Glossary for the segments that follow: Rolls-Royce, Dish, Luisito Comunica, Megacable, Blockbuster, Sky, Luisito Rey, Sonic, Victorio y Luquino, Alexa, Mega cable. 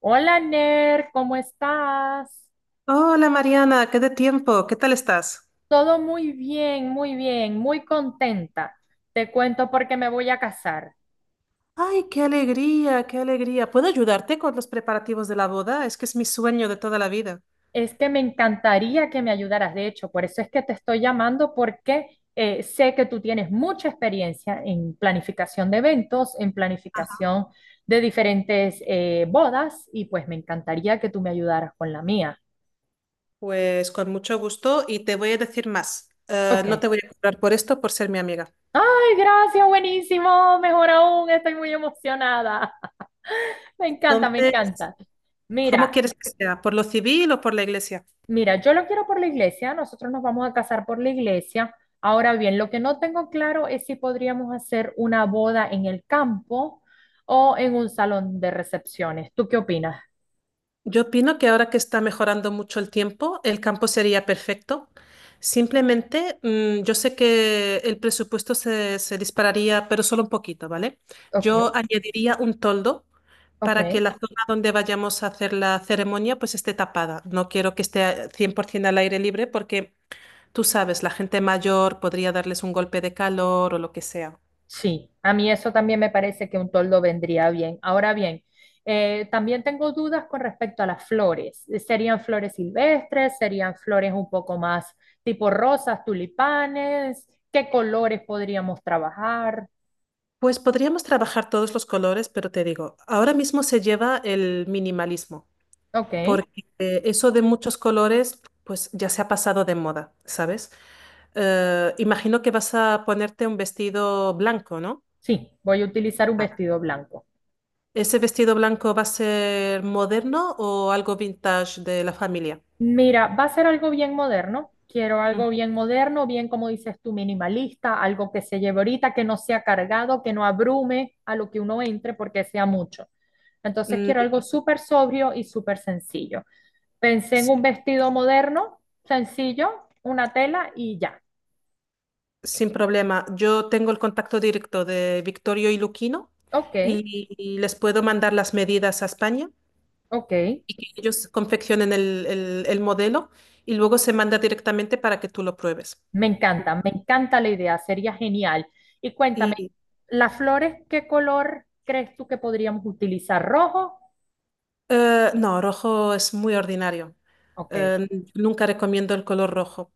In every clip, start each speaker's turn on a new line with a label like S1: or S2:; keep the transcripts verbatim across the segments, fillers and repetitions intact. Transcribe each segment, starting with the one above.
S1: Hola Ner, ¿cómo estás?
S2: Hola Mariana, qué de tiempo, ¿qué tal estás?
S1: Todo muy bien, muy bien, muy contenta. Te cuento porque me voy a casar.
S2: Ay, qué alegría, qué alegría. ¿Puedo ayudarte con los preparativos de la boda? Es que es mi sueño de toda la vida.
S1: Es que me encantaría que me ayudaras, de hecho, por eso es que te estoy llamando porque eh, sé que tú tienes mucha experiencia en planificación de eventos, en planificación de diferentes eh, bodas y pues me encantaría que tú me ayudaras con la mía.
S2: Pues con mucho gusto y te voy a decir más. Eh,
S1: Ok.
S2: no te voy a cobrar por esto por ser mi amiga.
S1: Ay, gracias, buenísimo, mejor aún, estoy muy emocionada. Me encanta, me
S2: Entonces,
S1: encanta.
S2: ¿cómo
S1: Mira,
S2: quieres que sea? ¿Por lo civil o por la iglesia?
S1: mira, yo lo quiero por la iglesia, nosotros nos vamos a casar por la iglesia. Ahora bien, lo que no tengo claro es si podríamos hacer una boda en el campo o en un salón de recepciones. ¿Tú qué opinas?
S2: Yo opino que ahora que está mejorando mucho el tiempo, el campo sería perfecto. Simplemente, mm, yo sé que el presupuesto se, se dispararía, pero solo un poquito, ¿vale?
S1: Ok,
S2: Yo añadiría un toldo
S1: ok.
S2: para que la zona donde vayamos a hacer la ceremonia pues esté tapada. No quiero que esté cien por ciento al aire libre porque tú sabes, la gente mayor podría darles un golpe de calor o lo que sea.
S1: Sí, a mí eso también me parece que un toldo vendría bien. Ahora bien, eh, también tengo dudas con respecto a las flores. ¿Serían flores silvestres? ¿Serían flores un poco más tipo rosas, tulipanes? ¿Qué colores podríamos trabajar?
S2: Pues podríamos trabajar todos los colores, pero te digo, ahora mismo se lleva el minimalismo.
S1: Ok,
S2: Porque eh, eso de muchos colores, pues ya se ha pasado de moda, ¿sabes? Eh, imagino que vas a ponerte un vestido blanco, ¿no?
S1: sí, voy a utilizar un vestido blanco.
S2: ¿Ese vestido blanco va a ser moderno o algo vintage de la familia?
S1: Mira, va a ser algo bien moderno. Quiero
S2: Mm.
S1: algo bien moderno, bien como dices tú, minimalista, algo que se lleve ahorita, que no sea cargado, que no abrume a lo que uno entre porque sea mucho. Entonces
S2: Mm,
S1: quiero algo súper sobrio y súper sencillo. Pensé en
S2: sí,
S1: un vestido moderno, sencillo, una tela y ya.
S2: sin problema. Yo tengo el contacto directo de Victorio y Luquino
S1: Ok,
S2: y, y les puedo mandar las medidas a España.
S1: ok.
S2: Ellos confeccionan el, el- el modelo y luego se manda directamente para que tú lo pruebes.
S1: Me encanta, me encanta la idea, sería genial. Y cuéntame,
S2: Y
S1: ¿las flores qué color crees tú que podríamos utilizar? ¿Rojo?
S2: Eh, no, rojo es muy ordinario.
S1: Ok,
S2: Eh, Nunca recomiendo el color rojo,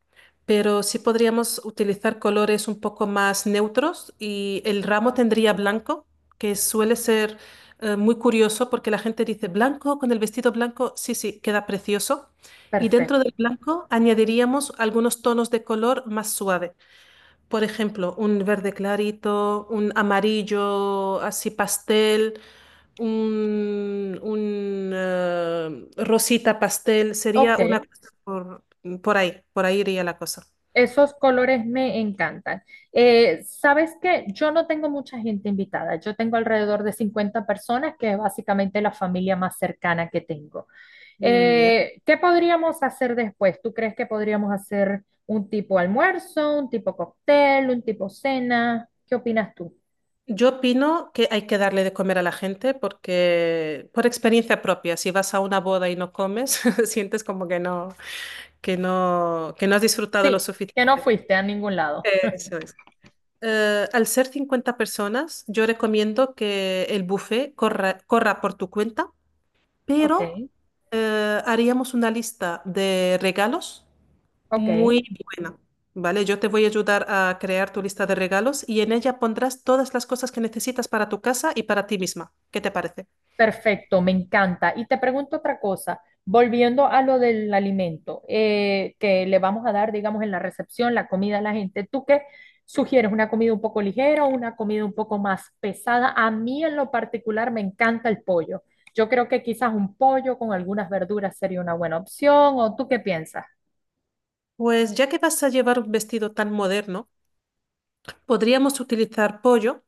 S2: pero sí podríamos utilizar colores un poco más neutros y el ramo tendría blanco, que suele ser eh, muy curioso porque la gente dice blanco con el vestido blanco, sí, sí, queda precioso. Y dentro
S1: perfecto.
S2: del blanco añadiríamos algunos tonos de color más suave. Por ejemplo, un verde clarito, un amarillo así pastel, un, un eh, rosita pastel,
S1: Ok,
S2: sería una cosa por, por ahí, por ahí iría la cosa.
S1: esos colores me encantan. Eh, ¿sabes qué? Yo no tengo mucha gente invitada. Yo tengo alrededor de cincuenta personas, que es básicamente la familia más cercana que tengo.
S2: Mm, ya.
S1: Eh, ¿qué podríamos hacer después? ¿Tú crees que podríamos hacer un tipo almuerzo, un tipo cóctel, un tipo cena? ¿Qué opinas tú?
S2: Yo opino que hay que darle de comer a la gente porque, por experiencia propia, si vas a una boda y no comes, sientes como que no, que no, que no has disfrutado lo
S1: Sí, que no
S2: suficiente.
S1: fuiste a ningún lado.
S2: Eso es. Eh, al ser cincuenta personas, yo recomiendo que el buffet corra, corra por tu cuenta,
S1: Ok,
S2: pero eh, haríamos una lista de regalos
S1: ok.
S2: muy buena, ¿vale? Yo te voy a ayudar a crear tu lista de regalos y en ella pondrás todas las cosas que necesitas para tu casa y para ti misma. ¿Qué te parece?
S1: Perfecto, me encanta. Y te pregunto otra cosa, volviendo a lo del alimento eh, que le vamos a dar, digamos, en la recepción, la comida a la gente, ¿tú qué sugieres? ¿Una comida un poco ligera o una comida un poco más pesada? A mí en lo particular me encanta el pollo. Yo creo que quizás un pollo con algunas verduras sería una buena opción, ¿o tú qué piensas?
S2: Pues ya que vas a llevar un vestido tan moderno, podríamos utilizar pollo,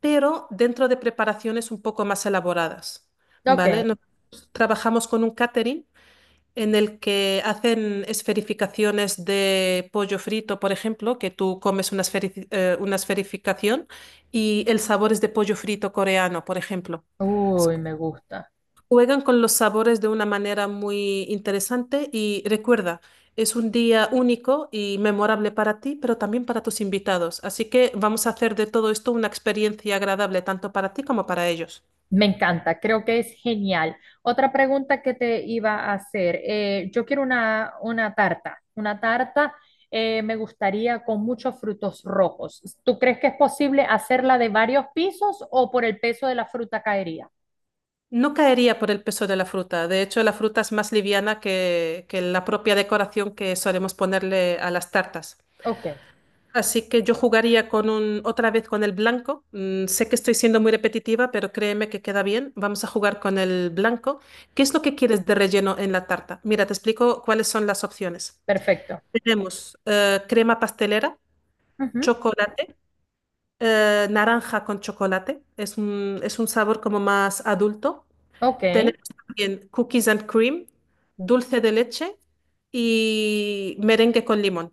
S2: pero dentro de preparaciones un poco más elaboradas,
S1: Ok,
S2: ¿vale? No- Trabajamos con un catering en el que hacen esferificaciones de pollo frito, por ejemplo, que tú comes una, esferici- eh, una esferificación y el sabor es de pollo frito coreano, por ejemplo. S-
S1: uy, me gusta.
S2: Juegan con los sabores de una manera muy interesante y recuerda, es un día único y memorable para ti, pero también para tus invitados. Así que vamos a hacer de todo esto una experiencia agradable tanto para ti como para ellos.
S1: Me encanta, creo que es genial. Otra pregunta que te iba a hacer, eh, yo quiero una, una tarta, una tarta eh, me gustaría con muchos frutos rojos. ¿Tú crees que es posible hacerla de varios pisos o por el peso de la fruta caería?
S2: No caería por el peso de la fruta. De hecho, la fruta es más liviana que, que la propia decoración que solemos ponerle a las tartas.
S1: Ok,
S2: Así que yo jugaría con un, otra vez con el blanco. Mm, sé que estoy siendo muy repetitiva, pero créeme que queda bien. Vamos a jugar con el blanco. ¿Qué es lo que quieres de relleno en la tarta? Mira, te explico cuáles son las opciones.
S1: perfecto.
S2: Tenemos eh, crema pastelera,
S1: Ujú,
S2: chocolate, eh, naranja con chocolate. Es un, es un sabor como más adulto.
S1: ok.
S2: Tenemos también cookies and cream, dulce de leche y merengue con limón.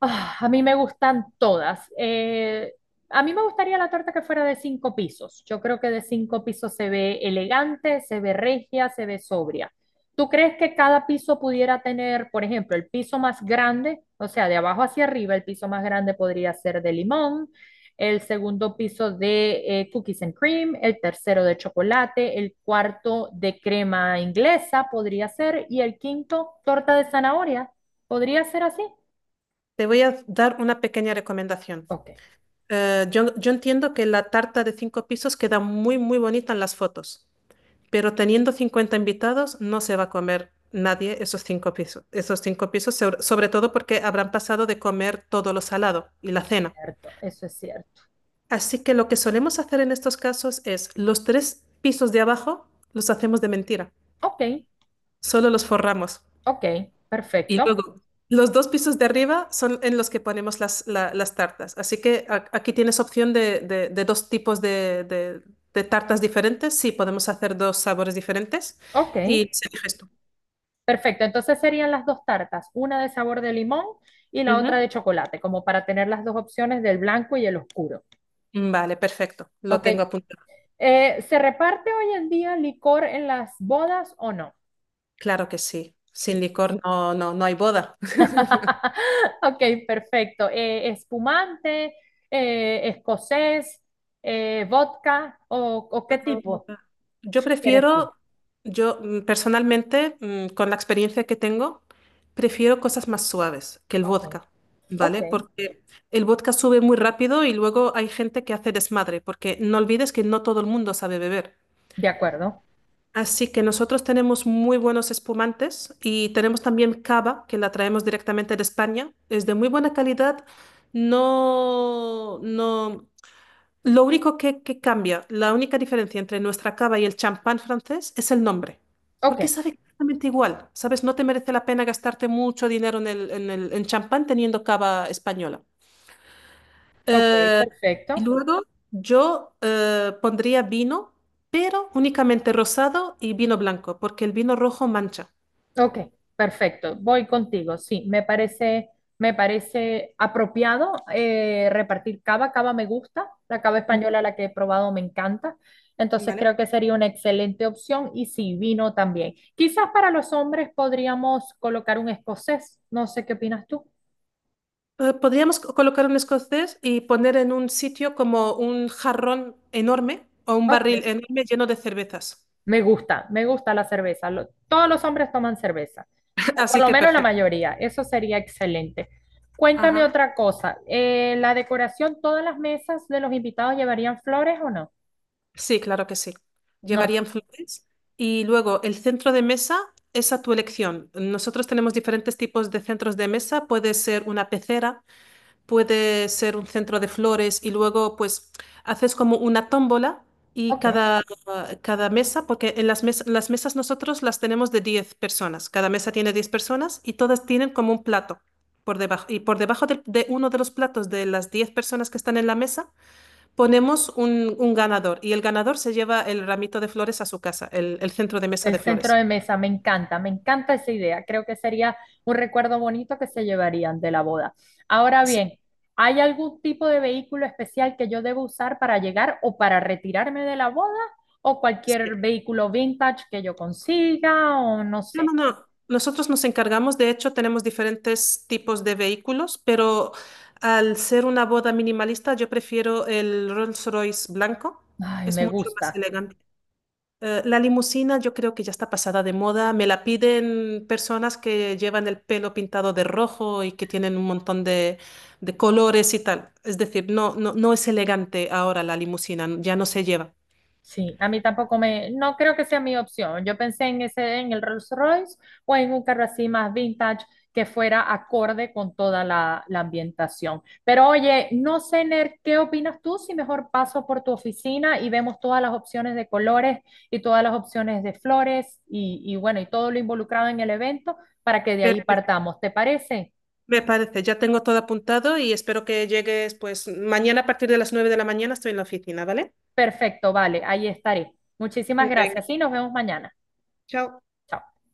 S1: Ah, a mí me gustan todas. Eh, a mí me gustaría la torta que fuera de cinco pisos. Yo creo que de cinco pisos se ve elegante, se ve regia, se ve sobria. ¿Tú crees que cada piso pudiera tener, por ejemplo, el piso más grande, o sea, de abajo hacia arriba, el piso más grande podría ser de limón, el segundo piso de eh, cookies and cream, el tercero de chocolate, el cuarto de crema inglesa podría ser, y el quinto, torta de zanahoria. ¿Podría ser así?
S2: Te voy a dar una pequeña recomendación.
S1: Ok.
S2: Eh, yo, yo entiendo que la tarta de cinco pisos queda muy, muy bonita en las fotos, pero teniendo cincuenta invitados no se va a comer nadie esos cinco pisos, esos cinco pisos, sobre sobre todo porque habrán pasado de comer todo lo salado y la cena.
S1: Cierto, eso es cierto.
S2: Así que lo que solemos hacer en estos casos es los tres pisos de abajo los hacemos de mentira,
S1: Ok,
S2: solo los forramos.
S1: ok,
S2: Y
S1: perfecto.
S2: luego, los dos pisos de arriba son en los que ponemos las, la- las tartas. Así que a- aquí tienes opción de, de- de dos tipos de, de- de tartas diferentes. Sí, podemos hacer dos sabores diferentes
S1: Ok,
S2: y se eliges tú.
S1: perfecto. Entonces serían las dos tartas, una de sabor de limón y la otra
S2: Ujú.
S1: de chocolate, como para tener las dos opciones del blanco y el oscuro.
S2: Vale, perfecto. Lo
S1: Ok,
S2: tengo apuntado.
S1: eh, ¿se reparte hoy en día licor en las bodas o no?
S2: Claro que sí. Sin
S1: Sí.
S2: licor no, no, no hay boda.
S1: Ok, perfecto. Eh, espumante, eh, escocés, eh, vodka o, o qué tipo
S2: Yo
S1: quieres tú.
S2: prefiero, yo mm, personalmente, mm, con la experiencia que tengo, prefiero cosas más suaves que el
S1: Ok,
S2: vodka,
S1: ok,
S2: ¿vale? Porque el vodka sube muy rápido y luego hay gente que hace desmadre, porque no olvides que no todo el mundo sabe beber.
S1: de acuerdo.
S2: Así que nosotros tenemos muy buenos espumantes y tenemos también cava, que la traemos directamente de España. Es de muy buena calidad. No, no. Lo único que, que cambia, la única diferencia entre nuestra cava y el champán francés es el nombre,
S1: Ok,
S2: porque sabe exactamente igual, ¿sabes? No te merece la pena gastarte mucho dinero en el, en el- en champán teniendo cava española.
S1: ok,
S2: Eh, y
S1: perfecto.
S2: luego yo eh, pondría vino, pero únicamente rosado y vino blanco, porque el vino rojo mancha.
S1: Ok, perfecto. Voy contigo. Sí, me parece, me parece apropiado eh, repartir cava. Cava me gusta. La cava
S2: Ujú.
S1: española, la que he probado, me encanta. Entonces
S2: Vale.
S1: creo que sería una excelente opción. Y sí, vino también. Quizás para los hombres podríamos colocar un escocés. No sé qué opinas tú.
S2: Eh, podríamos co- colocar un escocés y poner en un sitio como un jarrón enorme o un
S1: Ok,
S2: barril enorme lleno de cervezas.
S1: me gusta, me gusta la cerveza. Lo- todos los hombres toman cerveza, o por
S2: Así
S1: lo
S2: que
S1: menos la
S2: perfecto.
S1: mayoría. Eso sería excelente. Cuéntame
S2: Ajá.
S1: otra cosa. Eh, ¿la decoración, todas las mesas de los invitados llevarían flores o no?
S2: Sí, claro que sí.
S1: No.
S2: Llevarían flores y luego el centro de mesa es a tu elección. Nosotros tenemos diferentes tipos de centros de mesa. Puede ser una pecera, puede ser un centro de flores y luego pues haces como una tómbola y
S1: Ok.
S2: cada, cada mesa, porque en las, mes- las mesas nosotros las tenemos de diez personas. Cada mesa tiene diez personas y todas tienen como un plato por debajo. Y por debajo del- de uno de los platos de las diez personas que están en la mesa ponemos un, un ganador y el ganador se lleva el ramito de flores a su casa, el, el centro de mesa
S1: El
S2: de
S1: centro
S2: flores.
S1: de mesa, me encanta, me encanta esa idea. Creo que sería un recuerdo bonito que se llevarían de la boda. Ahora
S2: Sí,
S1: bien, ¿hay algún tipo de vehículo especial que yo debo usar para llegar o para retirarme de la boda? ¿O
S2: sí.
S1: cualquier vehículo vintage que yo consiga? O no
S2: No,
S1: sé.
S2: no, no. Nosotros nos encargamos, de hecho, tenemos diferentes tipos de vehículos, pero al ser una boda minimalista, yo prefiero el Rolls-Royce blanco.
S1: Ay,
S2: Es
S1: me
S2: mucho más
S1: gusta.
S2: elegante. Eh, la limusina yo creo que ya está pasada de moda. Me la piden personas que llevan el pelo pintado de rojo y que tienen un montón de, de colores y tal. Es decir, no, no, no es elegante ahora la limusina, ya no se lleva.
S1: Sí, a mí tampoco me, no creo que sea mi opción. Yo pensé en ese, en el Rolls Royce o en un carro así más vintage que fuera acorde con toda la, la ambientación. Pero oye, no sé, Ner, ¿qué opinas tú? Si mejor paso por tu oficina y vemos todas las opciones de colores y todas las opciones de flores y, y bueno, y todo lo involucrado en el evento para que de ahí
S2: Perfecto.
S1: partamos. ¿Te parece?
S2: Me parece, ya tengo todo apuntado y espero que llegues pues mañana a partir de las nueve de la mañana estoy en la oficina, ¿vale?
S1: Perfecto, vale, ahí estaré. Muchísimas
S2: Venga,
S1: gracias y nos vemos mañana.
S2: chao.
S1: Chao.